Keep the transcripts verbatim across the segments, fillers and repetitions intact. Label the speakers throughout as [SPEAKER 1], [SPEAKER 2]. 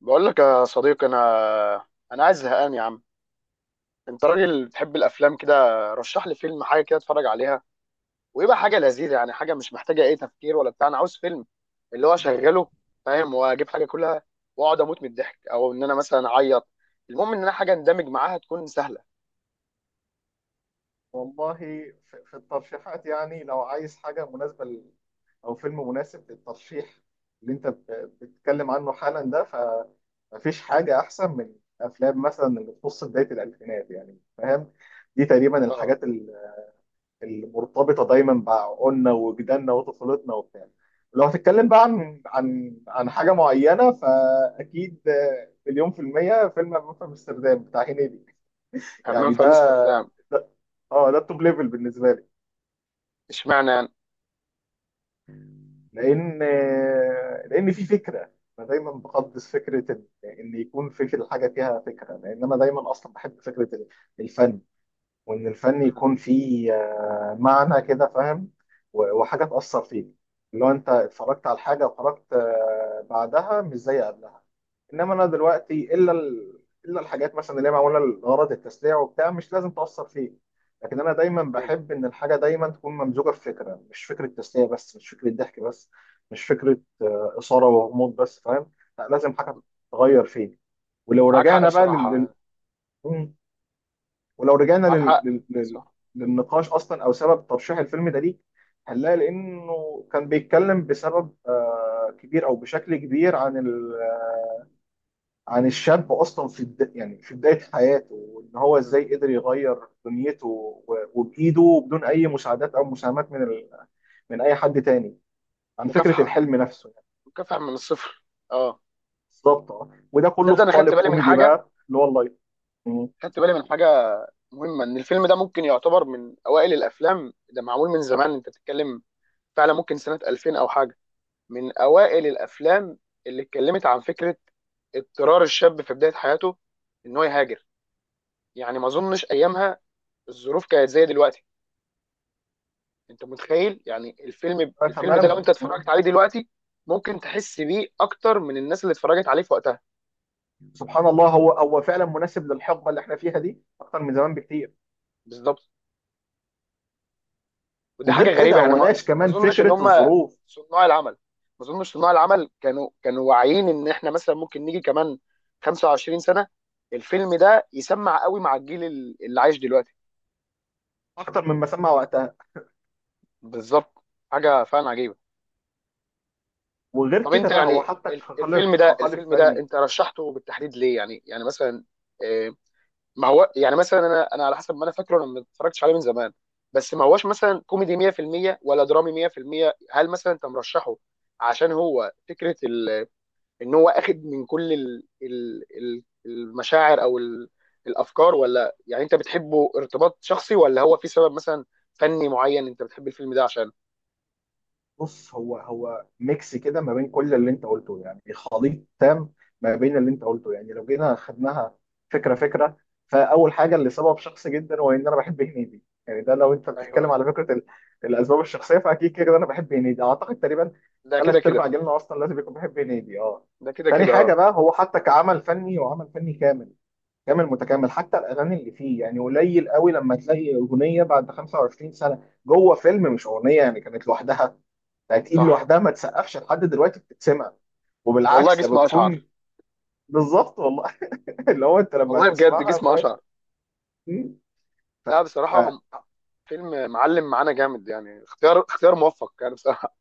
[SPEAKER 1] بقول لك يا صديقي، انا انا عايز زهقان يا عم. انت راجل بتحب الافلام كده، رشح لي فيلم، حاجه كده اتفرج عليها ويبقى حاجه لذيذه، يعني حاجه مش محتاجه اي تفكير ولا بتاع. انا عاوز فيلم اللي هو اشغله فاهم، واجيب حاجه كلها واقعد اموت من الضحك، او ان انا مثلا اعيط. المهم ان انا حاجه اندمج معاها تكون سهله.
[SPEAKER 2] والله في في الترشيحات، يعني لو عايز حاجة مناسبة لل- أو فيلم مناسب للترشيح اللي أنت ب- بتتكلم عنه حالا ده. فمفيش حاجة أحسن من أفلام مثلا اللي تخص بداية الألفينات، يعني فاهم. دي تقريبا
[SPEAKER 1] اه.
[SPEAKER 2] الحاجات ال- المرتبطة دايما بعقولنا وجداننا وطفولتنا وبتاع. لو هتتكلم بقى عن عن عن حاجة معينة، فأكيد آه، مليون في المية فيلم همام في أمستردام بتاع هنيدي.
[SPEAKER 1] همام
[SPEAKER 2] يعني
[SPEAKER 1] في
[SPEAKER 2] ده
[SPEAKER 1] امستردام.
[SPEAKER 2] ده اه ده التوب ليفل بالنسبة لي.
[SPEAKER 1] اشمعنى يعني؟
[SPEAKER 2] لان لان في فكره، انا دايما بقدس فكره ان إن يكون في في الحاجه فيها فكره. لان انا دايما اصلا بحب فكره الفن، وان الفن
[SPEAKER 1] مم.
[SPEAKER 2] يكون فيه آه، معنى كده، فاهم. و- وحاجه تاثر فيك، اللي هو انت اتفرجت على الحاجه وخرجت آه، بعدها مش زي قبلها. انما انا دلوقتي الا ال... الا الحاجات مثلا اللي هي معموله لغرض التسليع وبتاع مش لازم تاثر فيك. لكن انا دايما
[SPEAKER 1] ايوه.
[SPEAKER 2] بحب ان الحاجه دايما تكون ممزوجه في فكره، مش فكره تسليه بس، مش فكره ضحك بس، مش فكره اثاره وغموض بس، فاهم. لا، لازم حاجه تغير فيك. ولو
[SPEAKER 1] معاك حق
[SPEAKER 2] رجعنا بقى لل...
[SPEAKER 1] بصراحه يعني.
[SPEAKER 2] لل- ولو رجعنا
[SPEAKER 1] معاك
[SPEAKER 2] لل...
[SPEAKER 1] حق،
[SPEAKER 2] لل... لل...
[SPEAKER 1] صح.
[SPEAKER 2] للنقاش اصلا او سبب ترشيح الفيلم ده ليك، هنلاقي لانه كان بيتكلم بسبب آه، كبير او بشكل كبير عن ال... عن الشاب اصلا في الد... يعني في بدايه حياته، وان هو
[SPEAKER 1] مم.
[SPEAKER 2] ازاي قدر يغير دنيته و... وبايده، بدون اي مساعدات او مساهمات من ال... من اي حد تاني، عن فكره
[SPEAKER 1] مكافحه،
[SPEAKER 2] الحلم نفسه يعني.
[SPEAKER 1] مكافحه من الصفر. اه.
[SPEAKER 2] بالظبط اه، وده كله
[SPEAKER 1] تصدق
[SPEAKER 2] في
[SPEAKER 1] انا خدت
[SPEAKER 2] قالب
[SPEAKER 1] بالي من
[SPEAKER 2] كوميدي
[SPEAKER 1] حاجه
[SPEAKER 2] بقى اللي هو اللايت. مم.
[SPEAKER 1] خدت بالي من حاجه مهمه، ان الفيلم ده ممكن يعتبر من اوائل الافلام، ده معمول من زمان انت بتتكلم، فعلا ممكن سنه ألفين او حاجه. من اوائل الافلام اللي اتكلمت عن فكره اضطرار الشاب في بدايه حياته ان هو يهاجر. يعني ما اظنش ايامها الظروف كانت زي دلوقتي. انت متخيل يعني الفيلم
[SPEAKER 2] آه،
[SPEAKER 1] الفيلم ده لو
[SPEAKER 2] تماما.
[SPEAKER 1] انت
[SPEAKER 2] مم.
[SPEAKER 1] اتفرجت عليه دلوقتي، ممكن تحس بيه اكتر من الناس اللي اتفرجت عليه في وقتها.
[SPEAKER 2] سبحان الله، هو هو فعلا مناسب للحقبه اللي احنا فيها دي اكتر من زمان بكتير.
[SPEAKER 1] بالظبط. ودي
[SPEAKER 2] وغير
[SPEAKER 1] حاجه
[SPEAKER 2] كده
[SPEAKER 1] غريبه يعني.
[SPEAKER 2] هو
[SPEAKER 1] ما
[SPEAKER 2] ناقش
[SPEAKER 1] ما
[SPEAKER 2] كمان
[SPEAKER 1] اظنش ان
[SPEAKER 2] فكره
[SPEAKER 1] هم
[SPEAKER 2] الظروف
[SPEAKER 1] صناع العمل، ما اظنش صناع العمل كانوا كانوا واعيين ان احنا مثلا ممكن نيجي كمان خمسة وعشرين سنه الفيلم ده يسمع قوي مع الجيل ال- اللي عايش دلوقتي.
[SPEAKER 2] اكتر مما سمع وقتها.
[SPEAKER 1] بالظبط. حاجه فعلا عجيبه.
[SPEAKER 2] وغير
[SPEAKER 1] طب
[SPEAKER 2] كده
[SPEAKER 1] انت
[SPEAKER 2] بقى هو
[SPEAKER 1] يعني
[SPEAKER 2] حطك
[SPEAKER 1] الف- الفيلم
[SPEAKER 2] كخالف
[SPEAKER 1] ده
[SPEAKER 2] كخالف
[SPEAKER 1] الفيلم ده
[SPEAKER 2] فني.
[SPEAKER 1] انت رشحته بالتحديد ليه، يعني يعني مثلا، آه، ما هو يعني مثلا انا انا على حسب ما انا فاكره، انا ما اتفرجتش عليه من زمان. بس ما هوش مثلا كوميدي مية في المية ولا درامي مية في المية. هل مثلا انت مرشحه عشان هو فكره ان هو اخد من كل ال ال ال المشاعر او ال الافكار، ولا يعني انت بتحبه ارتباط شخصي، ولا هو في سبب مثلا فني معين انت بتحب الفيلم ده عشان.
[SPEAKER 2] بص، هو هو ميكس كده ما بين كل اللي انت قلته، يعني خليط تام ما بين اللي انت قلته. يعني لو جينا خدناها فكره فكره. فاول حاجه، اللي سبب شخصي جدا، هو ان انا بحب هنيدي. يعني ده لو انت
[SPEAKER 1] ايوه.
[SPEAKER 2] بتتكلم على فكره ال- الاسباب الشخصيه، فاكيد كده انا بحب هنيدي. اعتقد تقريبا
[SPEAKER 1] ده كده
[SPEAKER 2] ثلاث ارباع
[SPEAKER 1] كده.
[SPEAKER 2] جيلنا اصلا لازم يكون بيحب هنيدي، اه.
[SPEAKER 1] ده كده
[SPEAKER 2] تاني
[SPEAKER 1] كده،
[SPEAKER 2] حاجه
[SPEAKER 1] اه.
[SPEAKER 2] بقى، هو حتى كعمل فني وعمل فني كامل كامل متكامل، حتى الاغاني اللي فيه. يعني قليل قوي لما تلاقي اغنيه بعد خمسة وعشرين سنة سنه جوه فيلم، مش اغنيه يعني كانت لوحدها. يعني ايد
[SPEAKER 1] صح.
[SPEAKER 2] لوحدها ما تسقفش لحد دلوقتي بتتسمع،
[SPEAKER 1] والله
[SPEAKER 2] وبالعكس ده
[SPEAKER 1] جسم اشعر.
[SPEAKER 2] بتكون بالظبط والله. اللي هو انت لما
[SPEAKER 1] والله بجد
[SPEAKER 2] هتسمعها،
[SPEAKER 1] جسم
[SPEAKER 2] فاهم.
[SPEAKER 1] اشعر.
[SPEAKER 2] مم. ف...
[SPEAKER 1] لا
[SPEAKER 2] ف...
[SPEAKER 1] بصراحه، فيلم معلم معانا جامد يعني، اختيار اختيار موفق يعني بصراحه.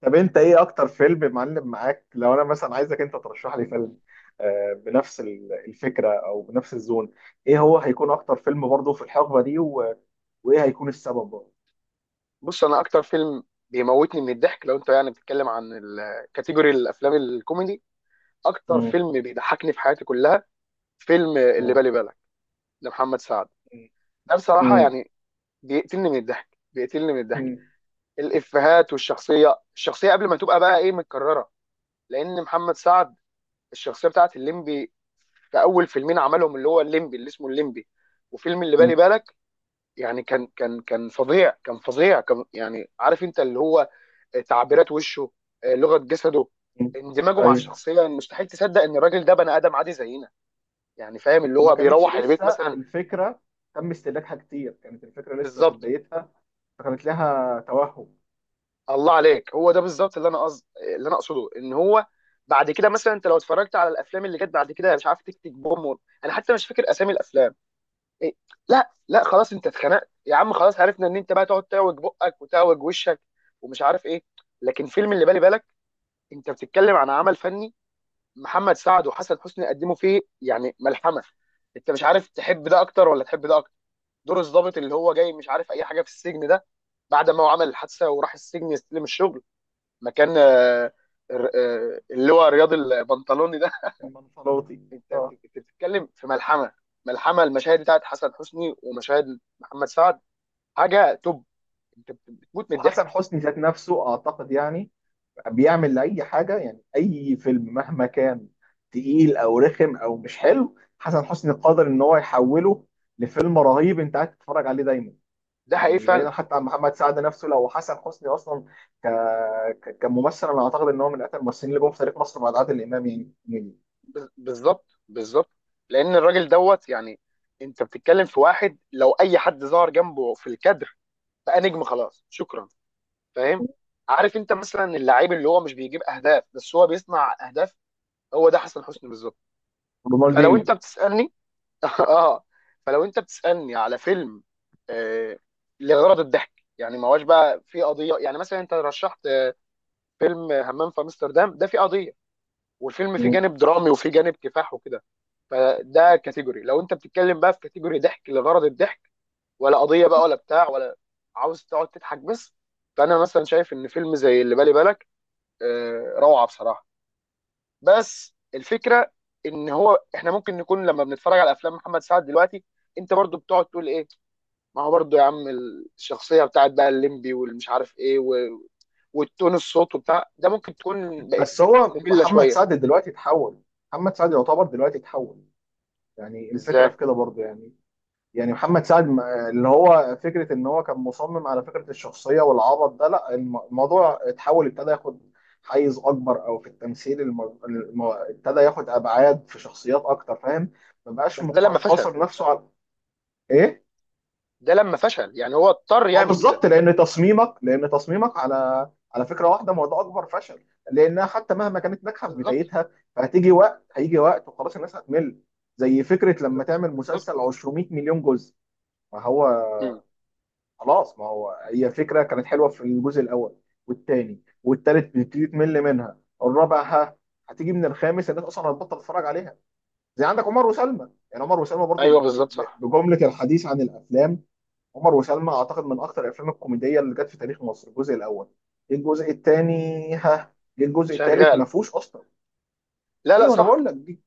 [SPEAKER 2] طب انت ايه اكتر فيلم معلم معاك؟ لو انا مثلا عايزك انت ترشح لي فيلم آه، بنفس ال- الفكره او بنفس الزون، ايه هو هيكون اكتر فيلم برضه في الحقبه دي و... وايه هيكون السبب برضه؟
[SPEAKER 1] بص، انا اكتر فيلم بيموتني من الضحك لو انت يعني بتتكلم عن الكاتيجوري الافلام الكوميدي، اكتر
[SPEAKER 2] مم.
[SPEAKER 1] فيلم بيضحكني في حياتي كلها، فيلم اللي
[SPEAKER 2] مم.
[SPEAKER 1] بالي بالك لمحمد سعد. ده بصراحه
[SPEAKER 2] مم.
[SPEAKER 1] يعني بيقتلني من الضحك، بيقتلني من الضحك.
[SPEAKER 2] مم.
[SPEAKER 1] الافيهات والشخصيه، الشخصيه قبل ما تبقى بقى ايه متكرره. لان محمد سعد الشخصيه بتاعت الليمبي في اول فيلمين عملهم، اللي هو الليمبي، اللي اسمه الليمبي، وفيلم اللي
[SPEAKER 2] مم.
[SPEAKER 1] بالي بالك، يعني كان كان كان فظيع كان فظيع كان يعني عارف انت اللي هو تعبيرات وشه، آه، لغه جسده،
[SPEAKER 2] مم.
[SPEAKER 1] اندماجه مع
[SPEAKER 2] ايوه.
[SPEAKER 1] الشخصيه. مستحيل تصدق ان الراجل ده بني ادم عادي زينا، يعني فاهم، اللي
[SPEAKER 2] وما
[SPEAKER 1] هو
[SPEAKER 2] كانتش
[SPEAKER 1] بيروح البيت
[SPEAKER 2] لسه
[SPEAKER 1] مثلا.
[SPEAKER 2] الفكره تم استهلاكها كتير، كانت الفكره لسه في
[SPEAKER 1] بالظبط.
[SPEAKER 2] بدايتها، كانت لها توهم.
[SPEAKER 1] الله عليك، هو ده بالظبط اللي انا قصد اللي انا اقصده. ان هو بعد كده مثلا، انت لو اتفرجت على الافلام اللي جت بعد كده، مش عارف، تيك تيك بوم و... انا حتى مش فاكر اسامي الافلام. إيه؟ لا لا، خلاص انت اتخنقت يا عم، خلاص عرفنا ان انت بقى تقعد تاوج بقك وتاوج وشك ومش عارف ايه. لكن فيلم اللي بالي بالك، انت بتتكلم عن عمل فني. محمد سعد وحسن حسني قدموا فيه يعني ملحمه. انت مش عارف تحب ده اكتر ولا تحب ده اكتر. دور الضابط اللي هو جاي مش عارف اي حاجه في السجن ده، بعد ما هو عمل الحادثه وراح السجن يستلم الشغل مكان آه، الر- آه، اللي هو رياض البنطلوني ده.
[SPEAKER 2] المنفلاطي.
[SPEAKER 1] انت
[SPEAKER 2] اه.
[SPEAKER 1] بت- بتتكلم في ملحمه. ملحمه، المشاهد بتاعت حسن حسني ومشاهد محمد سعد، حاجه توب. انت بت- بتموت من الضحك.
[SPEAKER 2] وحسن حسني ذات نفسه اعتقد يعني بيعمل لاي حاجه، يعني اي فيلم مهما كان تقيل او رخم او مش حلو، حسن حسني قادر ان هو يحوله لفيلم رهيب انت قاعد تتفرج عليه دايما.
[SPEAKER 1] ده حقيقي
[SPEAKER 2] يعني بعيدا
[SPEAKER 1] فعلا.
[SPEAKER 2] حتى عن محمد سعد نفسه، لو حسن حسني اصلا ك... ك... كممثل، انا اعتقد ان هو من اكثر الممثلين اللي جم في تاريخ مصر بعد عادل امام. يعني يعني،
[SPEAKER 1] بز- بالظبط بالظبط. لان الراجل دوت يعني، انت بتتكلم في واحد لو اي حد ظهر جنبه في الكادر بقى نجم، خلاص شكرا، فاهم. عارف انت مثلا اللعيب اللي هو مش بيجيب اهداف بس هو بيصنع اهداف، هو ده حسن حسني بالظبط. فلو
[SPEAKER 2] رونالدينيو.
[SPEAKER 1] انت بتسالني اه. فلو انت بتسالني على فيلم آه لغرض الضحك، يعني ما هوش بقى في قضيه، يعني مثلا انت رشحت فيلم همام في امستردام، ده فيه قضيه والفيلم فيه جانب درامي وفيه جانب كفاح وكده. فده كاتيجوري. لو انت بتتكلم بقى في كاتيجوري ضحك لغرض الضحك، ولا قضيه بقى ولا بتاع، ولا عاوز تقعد تضحك بس. فانا مثلا شايف ان فيلم زي اللي بالي بالك آه روعه بصراحه. بس الفكره ان هو احنا ممكن نكون لما بنتفرج على افلام محمد سعد دلوقتي، انت برضو بتقعد تقول ايه. ما هو برضه يا عم، الشخصية بتاعت بقى الليمبي، والمش عارف ايه، و... والتون الصوت وبتاع ده ممكن تكون بقت
[SPEAKER 2] بس هو
[SPEAKER 1] مملة
[SPEAKER 2] محمد
[SPEAKER 1] شوية.
[SPEAKER 2] سعد دلوقتي اتحول. محمد سعد يعتبر دلوقتي اتحول، يعني الفكره
[SPEAKER 1] ازاي؟
[SPEAKER 2] في كده برضه يعني. يعني محمد سعد م- اللي هو فكره ان هو كان مصمم على فكره الشخصيه والعبط ده، لا الم- الموضوع اتحول، ابتدى ياخد حيز اكبر او في التمثيل. الم- الم- ابتدى ياخد ابعاد في شخصيات اكتر، فاهم. ما بقاش
[SPEAKER 1] بس ده لما
[SPEAKER 2] مق-
[SPEAKER 1] فشل،
[SPEAKER 2] قاصر نفسه على ايه.
[SPEAKER 1] ده لما فشل يعني هو اضطر
[SPEAKER 2] ما هو
[SPEAKER 1] يعمل كده.
[SPEAKER 2] بالظبط، لان تصميمك لان تصميمك على على فكره واحده، ما هو ده اكبر فشل، لانها حتى مهما كانت ناجحه في
[SPEAKER 1] بالظبط،
[SPEAKER 2] بدايتها. فهتيجي وقت، هيجي وقت وخلاص الناس هتمل. زي فكره لما تعمل مسلسل
[SPEAKER 1] بالظبط.
[SPEAKER 2] 200 مليون جزء. ما هو
[SPEAKER 1] مم.
[SPEAKER 2] خلاص، ما هو هي فكره كانت حلوه في الجزء الاول والثاني والثالث، بتبتدي تمل منها الرابع، ها. هتيجي من الخامس الناس اصلا هتبطل تتفرج عليها. زي عندك عمر وسلمى. يعني عمر وسلمى برضو
[SPEAKER 1] ايوه
[SPEAKER 2] ب-
[SPEAKER 1] بالظبط،
[SPEAKER 2] ب-
[SPEAKER 1] صح.
[SPEAKER 2] بجمله الحديث عن الافلام. عمر وسلمى اعتقد من اكتر الافلام الكوميديه اللي جت في تاريخ مصر الجزء الاول. جه الجزء الثاني، ها. جه الجزء الثالث ما
[SPEAKER 1] شغال.
[SPEAKER 2] فيهوش اصلا.
[SPEAKER 1] لا لا
[SPEAKER 2] ايوه، انا
[SPEAKER 1] صح.
[SPEAKER 2] بقول لك دي.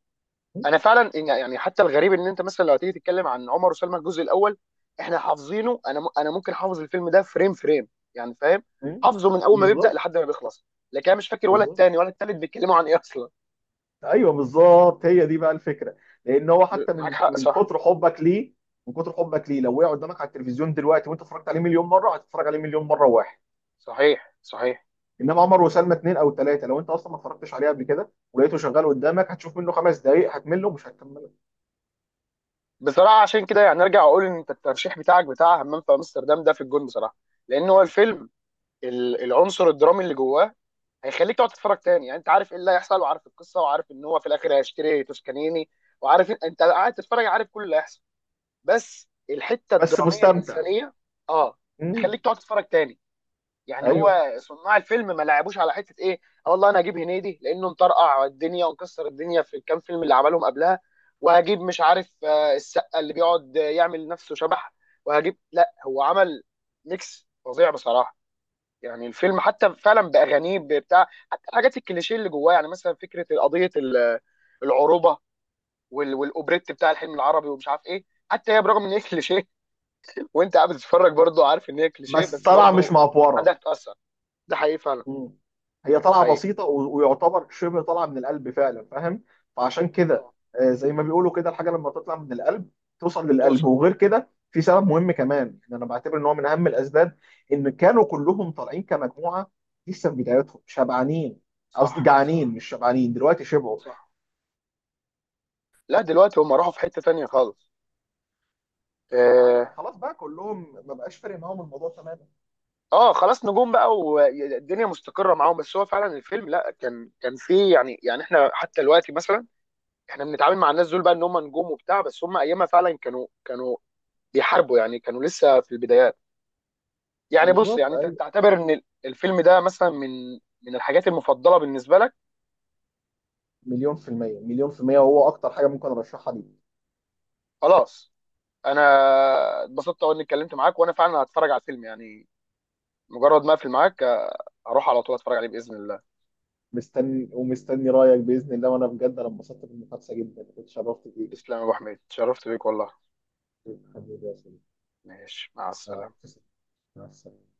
[SPEAKER 2] م-
[SPEAKER 1] انا فعلا إن- يعني حتى الغريب، ان انت مثلا لو هتيجي تتكلم عن عمر وسلمى الجزء الاول، احنا حافظينه. انا م- انا ممكن حافظ الفيلم ده فريم فريم، يعني فاهم.
[SPEAKER 2] م-
[SPEAKER 1] حافظه من اول ما بيبدأ
[SPEAKER 2] بالظبط،
[SPEAKER 1] لحد ما بيخلص. لكن انا مش فاكر ولا
[SPEAKER 2] بالظبط.
[SPEAKER 1] التاني ولا التالت بيتكلموا عن ايه اصلا.
[SPEAKER 2] ايوه، بالظبط هي دي بقى الفكره. لان هو حتى
[SPEAKER 1] ب- معاك
[SPEAKER 2] من
[SPEAKER 1] حق،
[SPEAKER 2] من
[SPEAKER 1] صح.
[SPEAKER 2] كتر حبك ليه، من كتر حبك ليه، لو وقع قدامك على التلفزيون دلوقتي وانت اتفرجت عليه مليون مره، هتتفرج عليه مليون مره واحد.
[SPEAKER 1] صحيح، صحيح.
[SPEAKER 2] انما عمر وسلمى اثنين او ثلاثه، لو انت اصلا ما اتفرجتش عليه قبل كده ولقيته شغال قدامك، هتشوف منه خمس دقائق، هتمله، مش هتكمله.
[SPEAKER 1] بصراحه عشان كده يعني ارجع اقول ان انت الترشيح بتاعك بتاع همام في امستردام ده في الجون بصراحه. لان هو الفيلم، ال- العنصر الدرامي اللي جواه هيخليك تقعد تتفرج تاني. يعني انت عارف ايه اللي هيحصل، وعارف القصه، وعارف ان هو في الاخر هيشتري توسكانيني، وعارف إن- انت قاعد تتفرج عارف كل اللي هيحصل. بس الحته
[SPEAKER 2] بس
[SPEAKER 1] الدراميه
[SPEAKER 2] مستمتع.
[SPEAKER 1] الانسانيه، اه،
[SPEAKER 2] م-
[SPEAKER 1] تخليك تقعد تتفرج تاني. يعني
[SPEAKER 2] ايوه.
[SPEAKER 1] هو صناع الفيلم ما لعبوش على حته ايه. آه والله، انا هجيب هنيدي لانه مطرقع الدنيا ومكسر الدنيا في الكام فيلم اللي عملهم قبلها، وهجيب مش عارف آه، السقا اللي بيقعد آه، يعمل نفسه شبح، وهجيب. لا هو عمل ميكس فظيع بصراحه. يعني الفيلم حتى فعلا باغانيه بتاع، حتى الحاجات الكليشيه اللي جواه، يعني مثلا فكره قضيه ال- العروبه وال- والاوبريت بتاع الحلم العربي ومش عارف ايه. حتى هي برغم ان هي كليشيه وانت قاعد بتتفرج برضه عارف ان هي كليشيه،
[SPEAKER 2] بس
[SPEAKER 1] بس
[SPEAKER 2] طالعه مش
[SPEAKER 1] برضه عندها
[SPEAKER 2] معفوره.
[SPEAKER 1] تتاثر. ده حقيقي فعلا.
[SPEAKER 2] مم. هي
[SPEAKER 1] ده
[SPEAKER 2] طالعه
[SPEAKER 1] حقيقي.
[SPEAKER 2] بسيطه و- ويعتبر شبه طالعه من القلب فعلا، فاهم. فعشان كده
[SPEAKER 1] اه،
[SPEAKER 2] آه، زي ما بيقولوا كده، الحاجه لما تطلع من القلب توصل للقلب.
[SPEAKER 1] توصل.
[SPEAKER 2] وغير كده في سبب مهم كمان، يعني انا بعتبر ان هو من اهم الاسباب ان كانوا كلهم طالعين كمجموعه لسه في بدايتهم شبعانين. قصدي
[SPEAKER 1] صح،
[SPEAKER 2] جعانين،
[SPEAKER 1] صح،
[SPEAKER 2] مش شبعانين. دلوقتي شبعوا.
[SPEAKER 1] صح. لا دلوقتي هم راحوا في حتة تانية خالص.
[SPEAKER 2] اه،
[SPEAKER 1] اه,
[SPEAKER 2] ما خلاص بقى كلهم، ما بقاش فارق معاهم الموضوع تماما.
[SPEAKER 1] آه خلاص، نجوم بقى والدنيا مستقرة معاهم. بس هو فعلا الفيلم، لا كان كان فيه يعني، يعني احنا حتى دلوقتي مثلا، احنا بنتعامل مع الناس دول بقى ان هم نجوم وبتاع. بس هم ايامها فعلا كانوا كانوا بيحاربوا، يعني كانوا لسه في البدايات. يعني بص،
[SPEAKER 2] بالظبط،
[SPEAKER 1] يعني انت
[SPEAKER 2] ايوه.
[SPEAKER 1] تعتبر ان الفيلم ده مثلا من من الحاجات المفضلة بالنسبة لك.
[SPEAKER 2] مليون في المية، مليون في المية، وهو اكتر حاجة ممكن ارشحها دي.
[SPEAKER 1] خلاص. انا اتبسطت أوي اني اتكلمت معاك، وانا فعلا هتفرج على الفيلم يعني، مجرد ما اقفل معاك هروح على طول اتفرج عليه باذن الله.
[SPEAKER 2] مستني ومستني رايك باذن الله، وانا بجد انا انبسطت بالمحادثه جدا، كنت شرفت بيك.
[SPEAKER 1] تسلم يا ابو حميد، اتشرفت بيك والله.
[SPEAKER 2] حبيبي يا سيدي.
[SPEAKER 1] ماشي، مع
[SPEAKER 2] مع
[SPEAKER 1] السلامه.
[SPEAKER 2] السلامه. مع السلامة.